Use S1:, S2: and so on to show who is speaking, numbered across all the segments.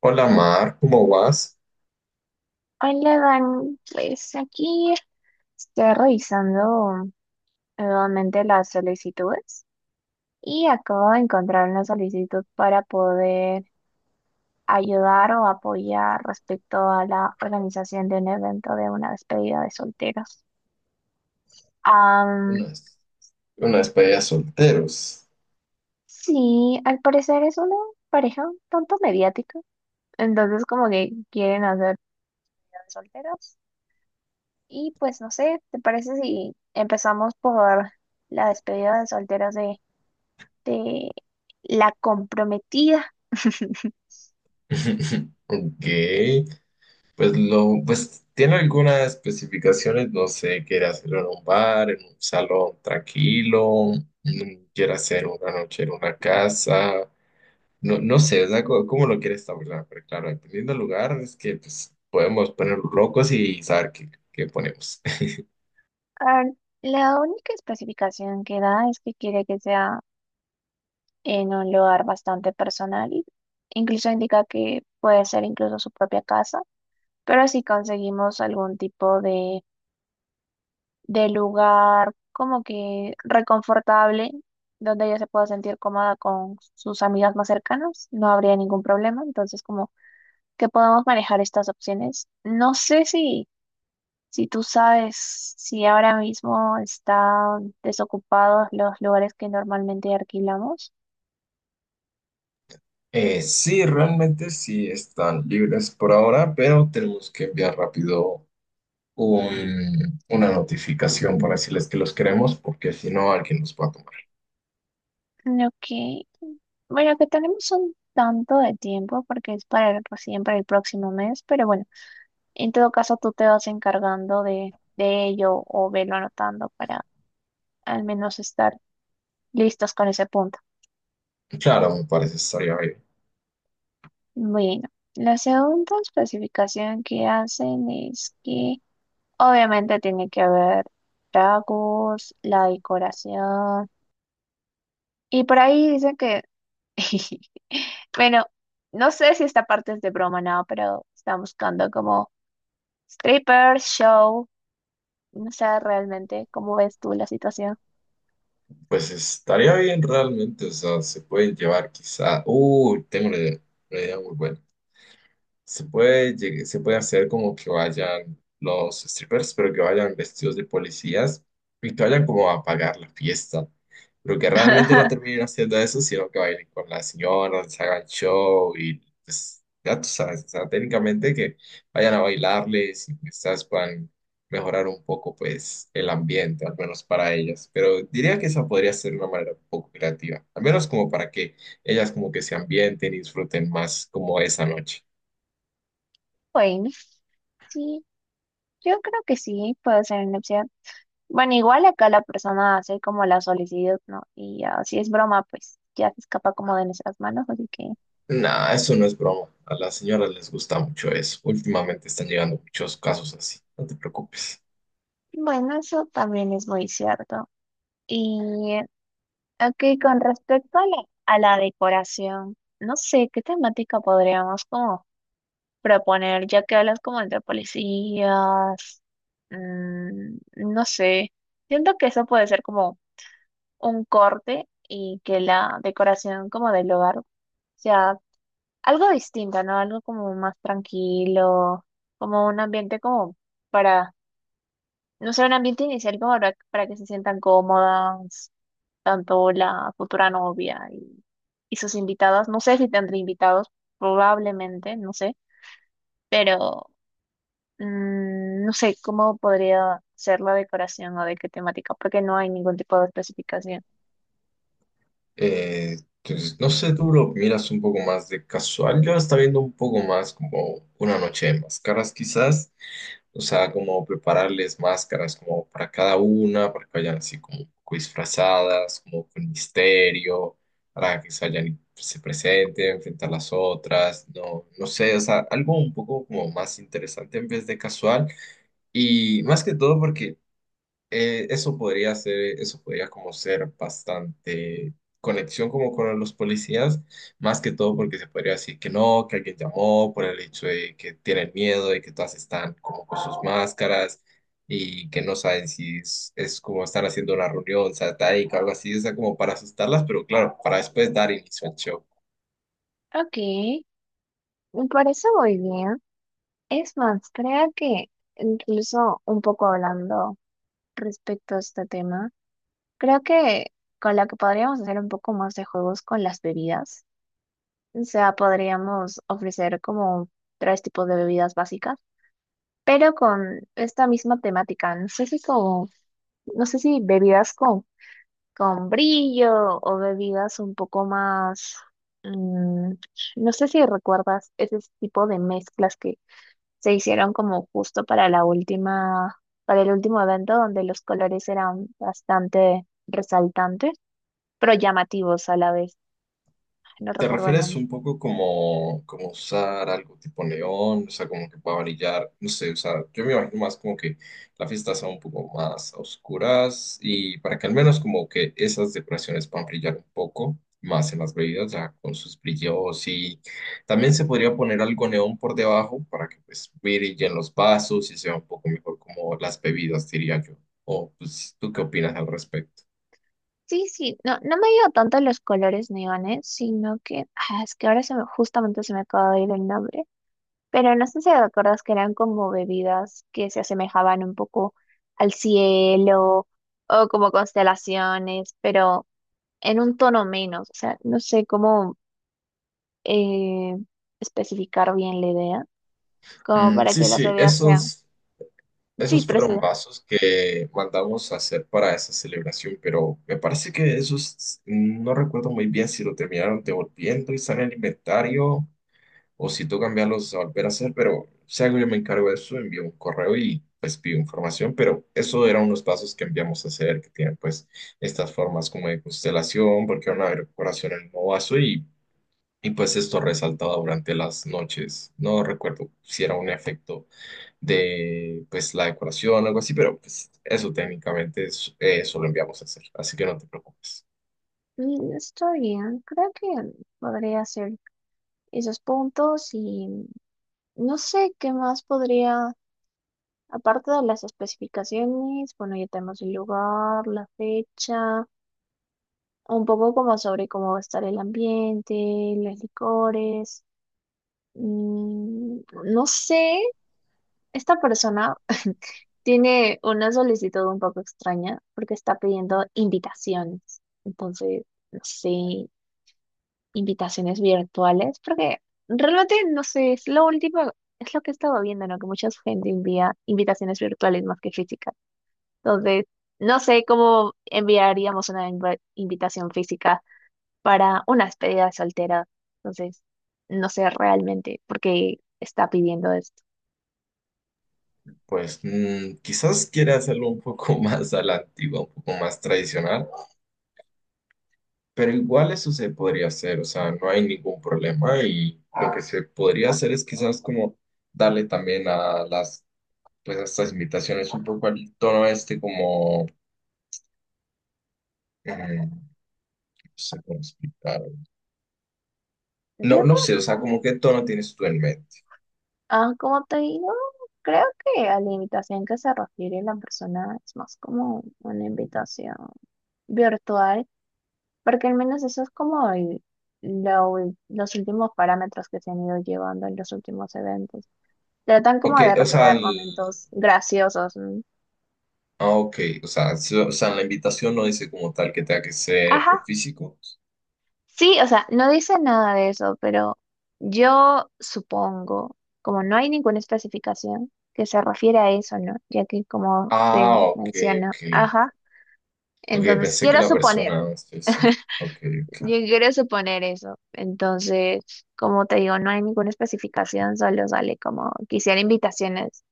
S1: Hola Mar, ¿cómo vas?
S2: Hola, Dan. Pues aquí estoy revisando nuevamente las solicitudes y acabo de encontrar una solicitud para poder ayudar o apoyar respecto a la organización de un evento de una despedida de solteros. Am,
S1: Unas, unas payas solteros.
S2: sí, al parecer es una pareja un tanto mediática, entonces como que quieren hacer despedida de solteros y pues no sé, ¿te parece si empezamos por la despedida de solteros de de la comprometida?
S1: Ok, pues tiene algunas especificaciones, no sé, quiere hacerlo en un bar, en un salón tranquilo, quiere hacer una noche en una casa, no, no sé, o sea, ¿cómo lo quiere establecer? Pero claro, dependiendo del lugar, es que pues podemos poner locos y saber qué, qué ponemos.
S2: Ah, La única especificación que da es que quiere que sea en un lugar bastante personal. Incluso indica que puede ser incluso su propia casa, pero si conseguimos algún tipo de lugar como que reconfortable, donde ella se pueda sentir cómoda con sus amigas más cercanas, no habría ningún problema. Entonces, como que podamos manejar estas opciones. No sé si tú sabes si ahora mismo están desocupados los lugares que normalmente alquilamos,
S1: Sí, realmente sí están libres por ahora, pero tenemos que enviar rápido una notificación para decirles que los queremos, porque si no, alguien los va a tomar.
S2: lo que, bueno, que tenemos un tanto de tiempo porque es recién para el próximo mes, pero bueno, en todo caso tú te vas encargando de ello o velo anotando para al menos estar listos con ese punto.
S1: Claro, me parece estaría bien.
S2: Bueno, la segunda especificación que hacen es que obviamente tiene que haber tragos, la decoración. Y por ahí dicen que, bueno, no sé si esta parte es de broma, no, pero están buscando como stripper, show, no sé realmente cómo ves tú la situación.
S1: Pues estaría bien realmente, o sea, se pueden llevar quizá. Uy, tengo una idea muy buena. Se puede, se puede hacer como que vayan los strippers, pero que vayan vestidos de policías y que vayan como a pagar la fiesta. Pero que realmente no terminen haciendo eso, sino que bailen con las señoras, se hagan show y pues ya tú sabes, o sea, técnicamente que vayan a bailarles y quizás puedan mejorar un poco pues el ambiente, al menos para ellas. Pero diría que esa podría ser una manera un poco creativa, al menos como para que ellas como que se ambienten y disfruten más como esa noche.
S2: Bueno, sí, yo creo que sí, puede ser una opción. Bueno, igual acá la persona hace como la solicitud, ¿no? Y ya, si es broma, pues ya se escapa como de nuestras manos, así que,
S1: Nah, eso no es broma. A las señoras les gusta mucho eso. Últimamente están llegando muchos casos así. No te preocupes.
S2: bueno, eso también es muy cierto. Y Ok, con respecto a la decoración, no sé qué temática podríamos como proponer, ya que hablas como entre policías. No sé, siento que eso puede ser como un corte y que la decoración como del hogar sea algo distinto, ¿no? Algo como más tranquilo, como un ambiente como para, no sé, un ambiente inicial como para que se sientan cómodas tanto la futura novia y sus invitadas. No sé si tendré invitados, probablemente, no sé, pero no sé cómo podría ser la decoración o de qué temática, porque no hay ningún tipo de especificación.
S1: Eh, entonces, no sé, tú lo miras un poco más de casual. Yo está viendo un poco más como una noche de máscaras, quizás. O sea, como prepararles máscaras como para cada una, para que vayan así como un poco disfrazadas, como con misterio, para que se vayan y se presenten frente a las otras. No, no sé, o sea, algo un poco como más interesante en vez de casual. Y más que todo porque eso podría ser, eso podría como ser bastante conexión como con los policías, más que todo porque se podría decir que no, que alguien llamó por el hecho de que tienen miedo y que todas están como con sus máscaras y que no saben si es, es como están haciendo una reunión satánica o algo así, o sea, como para asustarlas, pero claro, para después dar inicio al show.
S2: Ok, me parece muy bien. Es más, creo que incluso un poco hablando respecto a este tema, creo que con la que podríamos hacer un poco más de juegos con las bebidas. O sea, podríamos ofrecer como tres tipos de bebidas básicas, pero con esta misma temática. No sé si como, no sé si bebidas con brillo o bebidas un poco más, mm, no sé si recuerdas ese tipo de mezclas que se hicieron como justo para la última, para el último evento donde los colores eran bastante resaltantes, pero llamativos a la vez. No
S1: ¿Te
S2: recuerdo el
S1: refieres
S2: nombre.
S1: un poco como, como usar algo tipo neón? O sea, como que pueda brillar, no sé, o sea, yo me imagino más como que la fiesta sea un poco más a oscuras y para que al menos como que esas decoraciones puedan brillar un poco más en las bebidas, ya con sus brillos, y también se podría poner algo neón por debajo para que pues brillen los vasos y sea un poco mejor como las bebidas, diría yo. O pues, ¿tú qué opinas al respecto?
S2: Sí, sí, no, no me dio ido tanto los colores neones, sino que, es que ahora se me, justamente se me acaba de ir el nombre, pero no sé si te acuerdas que eran como bebidas que se asemejaban un poco al cielo o como constelaciones, pero en un tono menos, o sea, no sé cómo eh, especificar bien la idea, como
S1: Mm,
S2: para
S1: sí,
S2: que las
S1: sí,
S2: bebidas sean,
S1: esos.
S2: sí,
S1: Esos
S2: pero sí,
S1: fueron vasos que mandamos a hacer para esa celebración, pero me parece que esos, no recuerdo muy bien si lo terminaron devolviendo y están en el inventario o si tú cambiarlos a volver a hacer, pero si algo yo me encargo de eso, envío un correo y pues pido información. Pero eso eran unos vasos que enviamos a hacer que tienen pues estas formas como de constelación, porque era una decoración en el nuevo vaso, y pues esto resaltaba durante las noches. No recuerdo si era un efecto de pues la decoración algo así, pero pues eso técnicamente es, eso lo enviamos a hacer, así que no te preocupes.
S2: está bien, creo que podría ser esos puntos y... No sé qué más podría, aparte de las especificaciones, bueno, ya tenemos el lugar, la fecha, un poco como sobre cómo va a estar el ambiente, los licores. Mm, no sé, esta persona tiene una solicitud un poco extraña porque está pidiendo invitaciones. Entonces, no sé, invitaciones virtuales, porque realmente no sé, es lo último, es lo que he estado viendo, ¿no? Que mucha gente envía invitaciones virtuales más que físicas. Entonces, no sé cómo enviaríamos una invitación física para una despedida de soltera. Entonces, no sé realmente por qué está pidiendo esto.
S1: Pues quizás quiera hacerlo un poco más a la antigua, un poco más tradicional, pero igual eso se podría hacer, o sea, no hay ningún problema, y lo que se podría hacer es quizás como darle también a las, pues a estas invitaciones un poco al tono este como, mm, no sé cómo explicar.
S2: Yo,
S1: No, no
S2: como,
S1: sé, o sea, como qué tono tienes tú en mente.
S2: como te digo, creo que a la invitación que se refiere la persona es más como una invitación virtual. Porque al menos eso es como los últimos parámetros que se han ido llevando en los últimos eventos. Tratan como
S1: Ok,
S2: de
S1: o sea,
S2: recrear momentos graciosos, ¿no?
S1: ah, ok. O sea, o sea, en la invitación no dice como tal que tenga que ser
S2: Ajá,
S1: en físico.
S2: sí, o sea, no dice nada de eso, pero yo supongo, como no hay ninguna especificación que se refiere a eso, ¿no? Ya que como se
S1: Ah, ok,
S2: menciona,
S1: ok.
S2: ajá,
S1: Ok,
S2: entonces
S1: pensé que
S2: quiero
S1: la
S2: suponer,
S1: persona. Ah, sí, sí. Ok, ok.
S2: yo quiero suponer eso. Entonces, como te digo, no hay ninguna especificación, solo sale como quisiera invitaciones.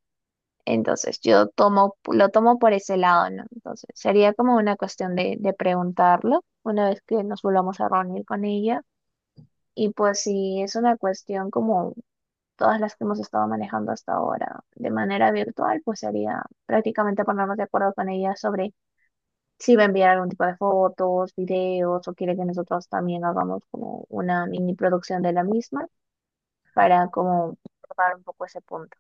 S2: Entonces, yo tomo, lo tomo por ese lado, ¿no? Entonces, sería como una cuestión de preguntarlo una vez que nos volvamos a reunir con ella. Y pues si es una cuestión como todas las que hemos estado manejando hasta ahora de manera virtual, pues sería prácticamente ponernos de acuerdo con ella sobre si va a enviar algún tipo de fotos, videos o quiere que nosotros también hagamos como una mini producción de la misma para como tocar un poco ese punto.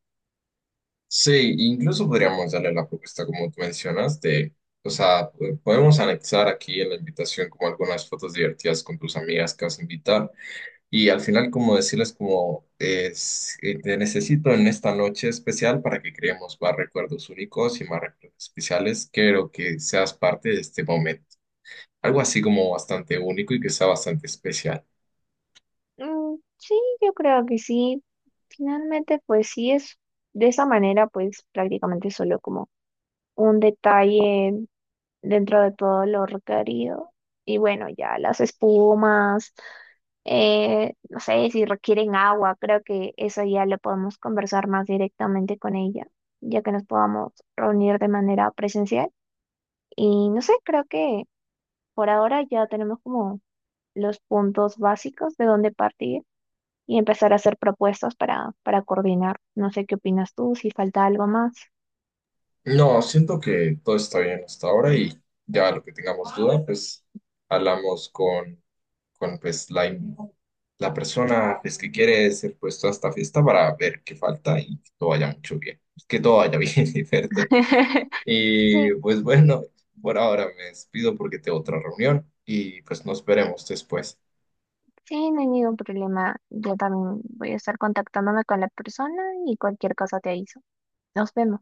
S1: Sí, incluso podríamos darle la propuesta como tú mencionas de, o sea, podemos anexar aquí en la invitación como algunas fotos divertidas con tus amigas que vas a invitar. Y al final, como decirles, como es, te necesito en esta noche especial para que creemos más recuerdos únicos y más recuerdos especiales. Quiero que seas parte de este momento. Algo así como bastante único y que sea bastante especial.
S2: Sí, yo creo que sí. Finalmente, pues sí es de esa manera, pues prácticamente solo como un detalle dentro de todo lo requerido. Y bueno, ya las espumas, no sé si requieren agua, creo que eso ya lo podemos conversar más directamente con ella, ya que nos podamos reunir de manera presencial. Y no sé, creo que por ahora ya tenemos como los puntos básicos de dónde partir y empezar a hacer propuestas para coordinar. No sé qué opinas tú, si falta algo más.
S1: No, siento que todo está bien hasta ahora, y ya lo que tengamos duda, pues hablamos con pues, la persona pues, que quiere ser puesto a esta fiesta para ver qué falta y que todo vaya mucho bien. Que todo vaya bien, ¿cierto?
S2: Sí,
S1: Y pues bueno, por ahora me despido porque tengo otra reunión y pues nos veremos después.
S2: sí, no hay ningún problema. Yo también voy a estar contactándome con la persona y cualquier cosa te aviso. Nos vemos.